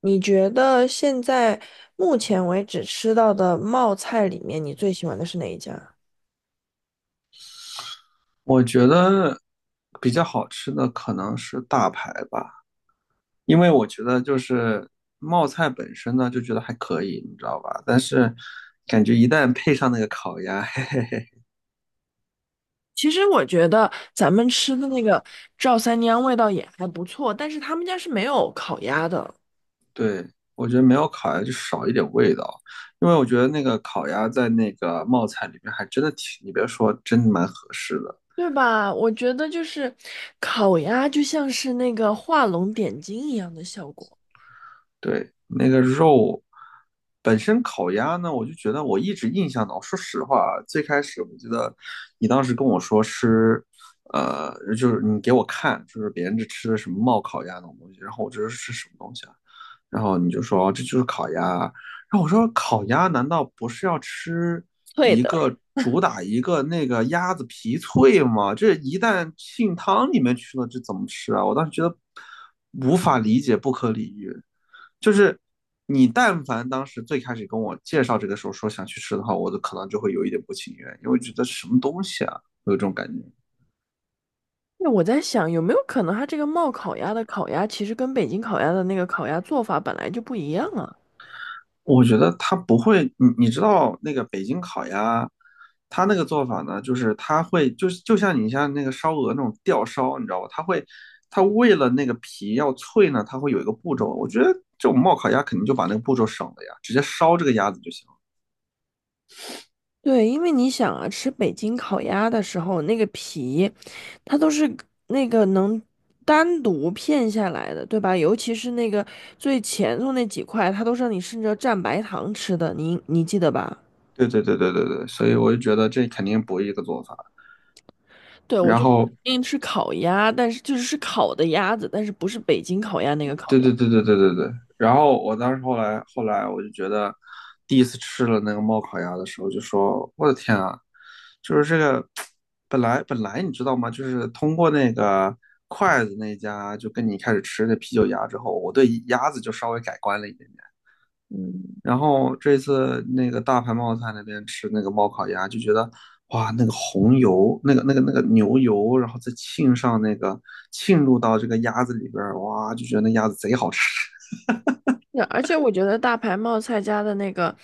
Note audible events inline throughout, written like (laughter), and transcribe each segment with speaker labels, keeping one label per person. Speaker 1: 你觉得现在目前为止吃到的冒菜里面，你最喜欢的是哪一家？
Speaker 2: 我觉得比较好吃的可能是大排吧，因为我觉得就是冒菜本身呢，就觉得还可以，你知道吧？但是感觉一旦配上那个烤鸭，(laughs)
Speaker 1: 其实我觉得咱们吃的那个赵三娘味道也还不错，但是他们家是没有烤鸭的，
Speaker 2: 对，我觉得没有烤鸭就少一点味道，因为我觉得那个烤鸭在那个冒菜里面还真的挺，你别说，真的蛮合适的。
Speaker 1: 对吧？我觉得就是烤鸭就像是那个画龙点睛一样的效果。
Speaker 2: 对，那个肉本身烤鸭呢，我就觉得我一直印象呢。说实话啊，最开始我觉得你当时跟我说吃，呃，就是你给我看，就是别人这吃的什么冒烤鸭那种东西，然后我这是什么东西啊？然后你就说哦这就是烤鸭啊，然后我说烤鸭难道不是要吃
Speaker 1: 脆
Speaker 2: 一
Speaker 1: 的。
Speaker 2: 个主打一个那个鸭子皮脆吗？这一旦浸汤里面去了，这怎么吃啊？我当时觉得无法理解，不可理喻。就是你但凡当时最开始跟我介绍这个时候说想去吃的话，我都可能就会有一点不情愿，因为觉得什么东西啊，有这种感觉。
Speaker 1: 那我在想，有没有可能它这个冒烤鸭的烤鸭，其实跟北京烤鸭的那个烤鸭做法本来就不一样啊？
Speaker 2: 我觉得他不会，你知道那个北京烤鸭，他那个做法呢，就是他会就是就像你像那个烧鹅那种吊烧，你知道吧？他会他为了那个皮要脆呢，他会有一个步骤。我觉得这种冒烤鸭肯定就把那个步骤省了呀，直接烧这个鸭子就行了。
Speaker 1: 对，因为你想啊，吃北京烤鸭的时候，那个皮，它都是那个能单独片下来的，对吧？尤其是那个最前头那几块，它都是让你顺着蘸白糖吃的，你记得吧？
Speaker 2: 对对对对对对，所以我就觉得这肯定不是一个做法。
Speaker 1: 对，我
Speaker 2: 然
Speaker 1: 就
Speaker 2: 后
Speaker 1: 因吃烤鸭，但是就是是烤的鸭子，但是不是北京烤鸭那个烤
Speaker 2: 对
Speaker 1: 鸭。
Speaker 2: 对对对对对对。然后我当时后来我就觉得，第一次吃了那个冒烤鸭的时候，就说我的天啊，就是这个 (tsk) 本来你知道吗？就是通过那个筷子那家，就跟你开始吃那啤酒鸭之后，我对鸭子就稍微改观了一点点。然后这次那个大盘冒菜那边吃那个冒烤鸭，就觉得哇，那个红油，那个牛油，然后再浸上那个浸入到这个鸭子里边儿，哇，就觉得那鸭子贼好吃。
Speaker 1: 对而且我觉得大牌冒菜家的那个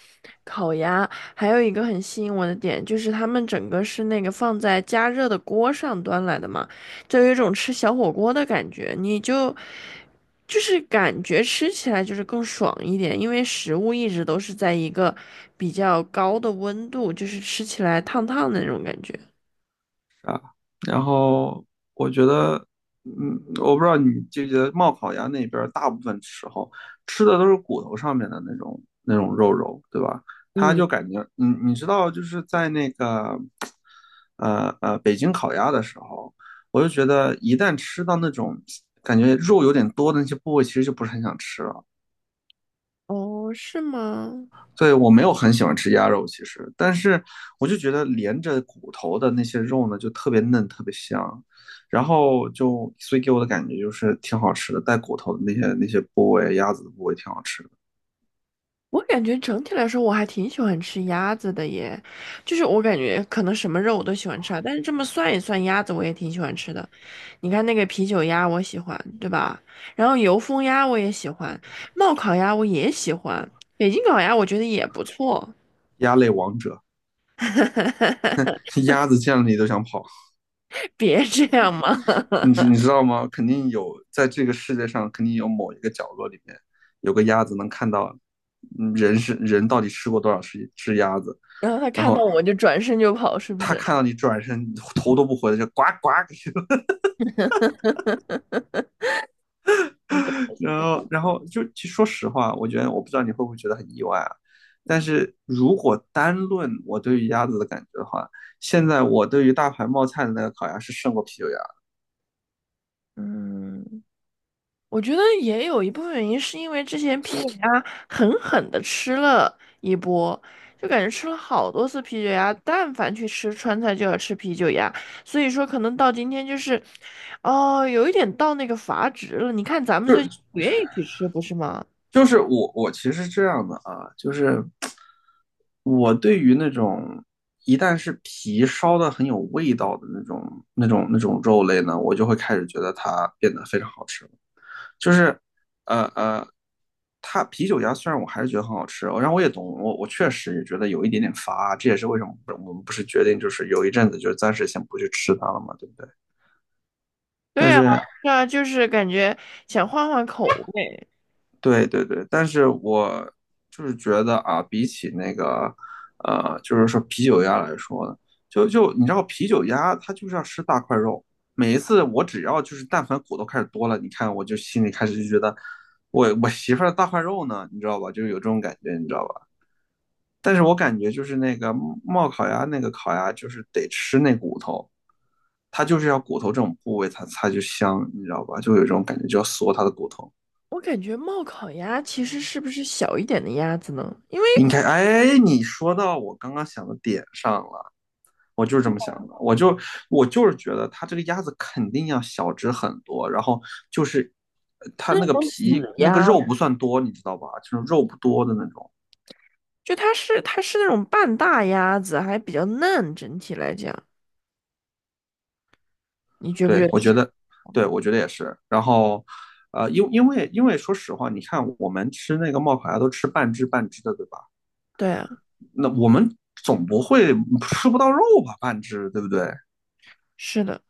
Speaker 1: 烤鸭，还有一个很吸引我的点，就是他们整个是那个放在加热的锅上端来的嘛，就有一种吃小火锅的感觉，就是感觉吃起来就是更爽一点，因为食物一直都是在一个比较高的温度，就是吃起来烫烫的那种感觉。
Speaker 2: 然后我觉得，嗯，我不知道你记不记得，冒烤鸭那边儿大部分时候吃的都是骨头上面的那种肉肉，对吧？它
Speaker 1: 嗯，
Speaker 2: 就感觉，你知道，就是在那个，北京烤鸭的时候，我就觉得一旦吃到那种感觉肉有点多的那些部位，其实就不是很想吃了。
Speaker 1: 哦，是吗？
Speaker 2: 对，我没有很喜欢吃鸭肉，其实，但是我就觉得连着骨头的那些肉呢，就特别嫩，特别香，然后就所以给我的感觉就是挺好吃的，带骨头的那些那些部位，鸭子的部位挺好吃的，
Speaker 1: 我感觉整体来说，我还挺喜欢吃鸭子的耶，就是我感觉可能什么肉我都喜欢吃啊，但是这么算一算，鸭子我也挺喜欢吃的。你看那个啤酒鸭，我喜欢，对吧？然后油封鸭我也喜欢，冒烤鸭我也喜欢，北京烤鸭我觉得也不错。
Speaker 2: 鸭类王者，
Speaker 1: (laughs)
Speaker 2: (laughs) 鸭子见了你都想跑，
Speaker 1: 别这样嘛，
Speaker 2: 你知道吗？肯定有，在这个世界上肯定有某一个角落里面有个鸭子能看到，嗯，人到底吃过多少只鸭子，
Speaker 1: (laughs) 然后他
Speaker 2: 然
Speaker 1: 看
Speaker 2: 后
Speaker 1: 到我就转身就跑，是不
Speaker 2: 他
Speaker 1: 是？
Speaker 2: 看到你转身头都不回的就呱呱，(laughs)
Speaker 1: 我狗
Speaker 2: (laughs) 然后，然后就其实说实话，我觉得我不知道你会不会觉得很意外啊。但是如果单论我对于鸭子的感觉的话，现在我对于大牌冒菜的那个烤鸭是胜过啤酒鸭。
Speaker 1: 嗯。我觉得也有一部分原因是因为之前啤酒鸭狠狠的吃了一波，就感觉吃了好多次啤酒鸭，但凡去吃川菜就要吃啤酒鸭，所以说可能到今天就是，哦，有一点到那个阀值了。你看咱们
Speaker 2: 就
Speaker 1: 最近
Speaker 2: 是
Speaker 1: 不愿意去吃，不是吗？
Speaker 2: 就是我其实是这样的啊，就是我对于那种一旦是皮烧的很有味道的那种肉类呢，我就会开始觉得它变得非常好吃。就是呃呃，它啤酒鸭虽然我还是觉得很好吃，然后我也懂，我确实也觉得有一点点乏啊，这也是为什么我们不是决定就是有一阵子就暂时先不去吃它了嘛，对不对？但
Speaker 1: 对啊，
Speaker 2: 是
Speaker 1: 对啊，就是感觉想换换口味。
Speaker 2: 对对对，但是我就是觉得啊，比起那个就是说啤酒鸭来说呢，就你知道啤酒鸭它就是要吃大块肉。每一次我只要就是但凡骨头开始多了，你看我就心里开始就觉得我媳妇儿的大块肉呢，你知道吧？就是有这种感觉，你知道吧？但是我感觉就是那个冒烤鸭那个烤鸭，就是得吃那骨头，它就是要骨头这种部位它，它就香，你知道吧？就有一种感觉，就要嗦它的骨头。
Speaker 1: 我感觉冒烤鸭其实是不是小一点的鸭子呢？因为
Speaker 2: 应该，哎，你说到我刚刚想的点上了，我就是这么想的，我就是觉得它这个鸭子肯定要小只很多，然后就是它那
Speaker 1: 那
Speaker 2: 个
Speaker 1: 种子
Speaker 2: 皮那个
Speaker 1: 鸭。
Speaker 2: 肉不算多，你知道吧？就是肉不多的那种。
Speaker 1: 就它是它是那种半大鸭子，还比较嫩，整体来讲，你觉不觉
Speaker 2: 对，
Speaker 1: 得
Speaker 2: 我觉
Speaker 1: 是？
Speaker 2: 得，对，我觉得也是。然后，呃，因为说实话，你看我们吃那个冒烤鸭都吃半只半只的，对吧？
Speaker 1: 对啊，
Speaker 2: 那我们总不会吃不到肉吧？半只，对不对？
Speaker 1: 是的。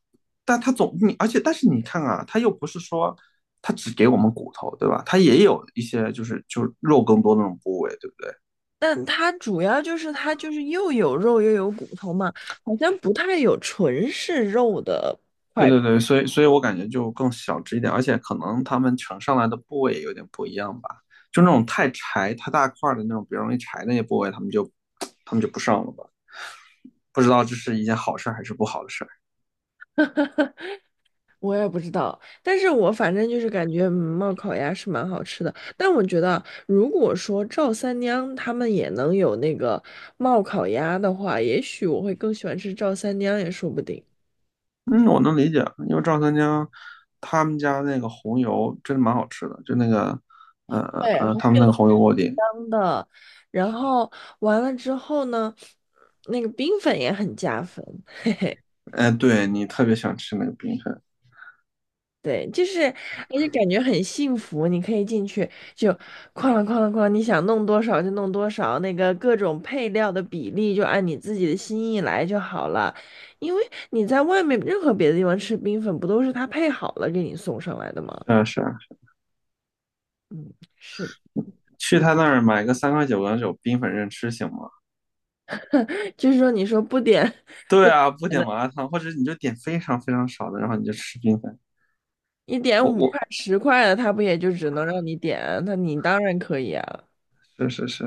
Speaker 2: 但它总你，而且但是你看啊，它又不是说它只给我们骨头，对吧？它也有一些就是肉更多的那种部位，对不对？
Speaker 1: 但它主要就是它就是又有肉又有骨头嘛，好像不太有纯是肉的
Speaker 2: 对
Speaker 1: 块骨，
Speaker 2: 对对，所以我感觉就更小只一点，而且可能他们呈上来的部位也有点不一样吧，就那种太柴、太大块儿的那种比较容易柴的那些部位，他们就不上了吧。不知道这是一件好事儿还是不好的事儿。
Speaker 1: 我也不知道。但是我反正就是感觉嗯冒烤鸭是蛮好吃的。但我觉得啊如果说赵三娘他们也能有那个冒烤鸭的话，也许我会更喜欢吃赵三娘也说不定。
Speaker 2: 嗯，我能理解，因为赵三江他们家那个红油真的蛮好吃的，就那个
Speaker 1: 对，好像
Speaker 2: 他们那个红油锅底，
Speaker 1: 然后完了之后呢，那个冰粉也很加分，
Speaker 2: 哎，对你特别想吃那个冰粉，
Speaker 1: 对，就是而且感觉很幸福，你可以进去就哐啷哐啷哐啷你想弄多少就弄多少，那个各种配料的比例就按你自己的心意来就好了，因为你在外面任何别的地方吃冰粉，不都是他配好了给你送上来的吗？
Speaker 2: 是啊是啊，
Speaker 1: 嗯，是的，
Speaker 2: 去他那儿买个3.99冰粉任吃行吗？
Speaker 1: 就是说你说不点 (laughs)。
Speaker 2: 对
Speaker 1: 不
Speaker 2: 啊，不
Speaker 1: 点
Speaker 2: 点麻
Speaker 1: 的，
Speaker 2: 辣烫，或者你就点非常非常少的，然后你就吃冰粉。
Speaker 1: 一点
Speaker 2: 我
Speaker 1: 五
Speaker 2: 我
Speaker 1: 块、十块的，他不也就只能让你点？那你当然可以啊。
Speaker 2: 是是是，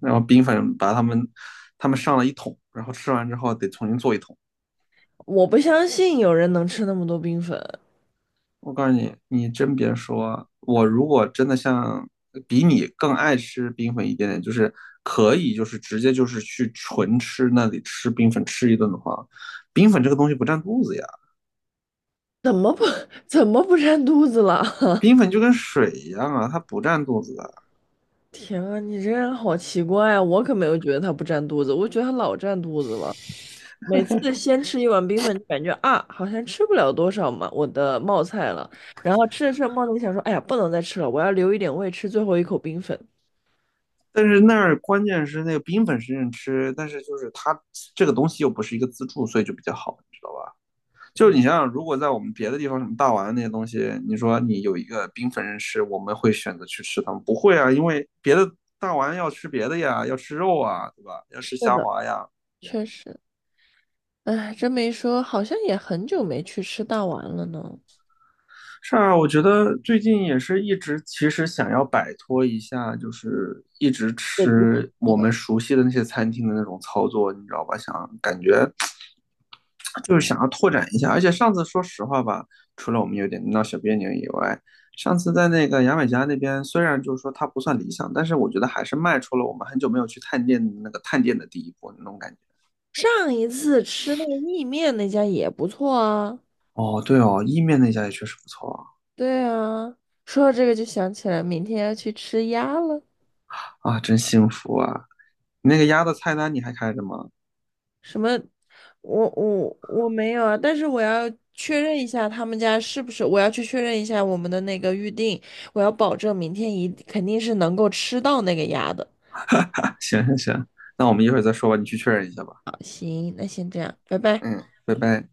Speaker 2: 然后冰粉把他们他们上了一桶，然后吃完之后得重新做一桶。
Speaker 1: 我不相信有人能吃那么多冰粉，
Speaker 2: 我告诉你，你真别说，我如果真的像比你更爱吃冰粉一点点，可以直接去纯吃那里吃冰粉吃一顿的话，冰粉这个东西不占肚子呀，
Speaker 1: 怎么不怎么不占肚子了？(laughs)
Speaker 2: 冰粉就跟水一样啊，它不占肚子的。
Speaker 1: 天啊，你这人好奇怪啊！我可没有觉得他不占肚子，我觉得他老占肚子了。每次先吃一碗冰粉，就感觉啊，好像吃不了多少嘛，我的冒菜了。然后吃着吃着冒菜想说，哎呀，不能再吃了，我要留一点胃吃最后一口冰粉。
Speaker 2: 但是那儿关键是那个冰粉是认吃，但是就是它这个东西又不是一个自助，所以就比较好，你知道吧？就是你想想，如果在我们别的地方，什么大丸那些东西，你说你有一个冰粉认吃，我们会选择去吃它们不会啊，因为别的大丸要吃别的呀，要吃肉啊，对吧？要
Speaker 1: 是
Speaker 2: 吃虾
Speaker 1: 的，
Speaker 2: 滑呀。
Speaker 1: 确实，哎，这么一说，好像也很久没去吃大碗了呢。
Speaker 2: 是啊，我觉得最近也是一直其实想要摆脱一下，就是一直
Speaker 1: 对不？
Speaker 2: 吃
Speaker 1: 对
Speaker 2: 我们
Speaker 1: 吧？
Speaker 2: 熟悉的那些餐厅的那种操作，你知道吧？想感觉就是想要拓展一下。而且上次说实话吧，除了我们有点闹小别扭以外，上次在那个牙买加那边，虽然就是说它不算理想，但是我觉得还是迈出了我们很久没有去探店的那个探店的第1步那种感觉。
Speaker 1: 上一次吃那个意面那家也不错啊。
Speaker 2: 哦，对哦，意面那家也确实不错
Speaker 1: 对啊，说到这个就想起来，明天要去吃鸭了。
Speaker 2: 啊，啊，真幸福啊！那个鸭的菜单你还开着吗？
Speaker 1: 什么？我没有啊，但是我要确认一下他们家是不是，我要去确认一下我们的那个预定，我要保证明天一肯定是能够吃到那个鸭的。
Speaker 2: (laughs) 行行行，那我们一会儿再说吧，你去确认一下吧。
Speaker 1: 好，行，那先这样，拜拜。
Speaker 2: 嗯，拜拜。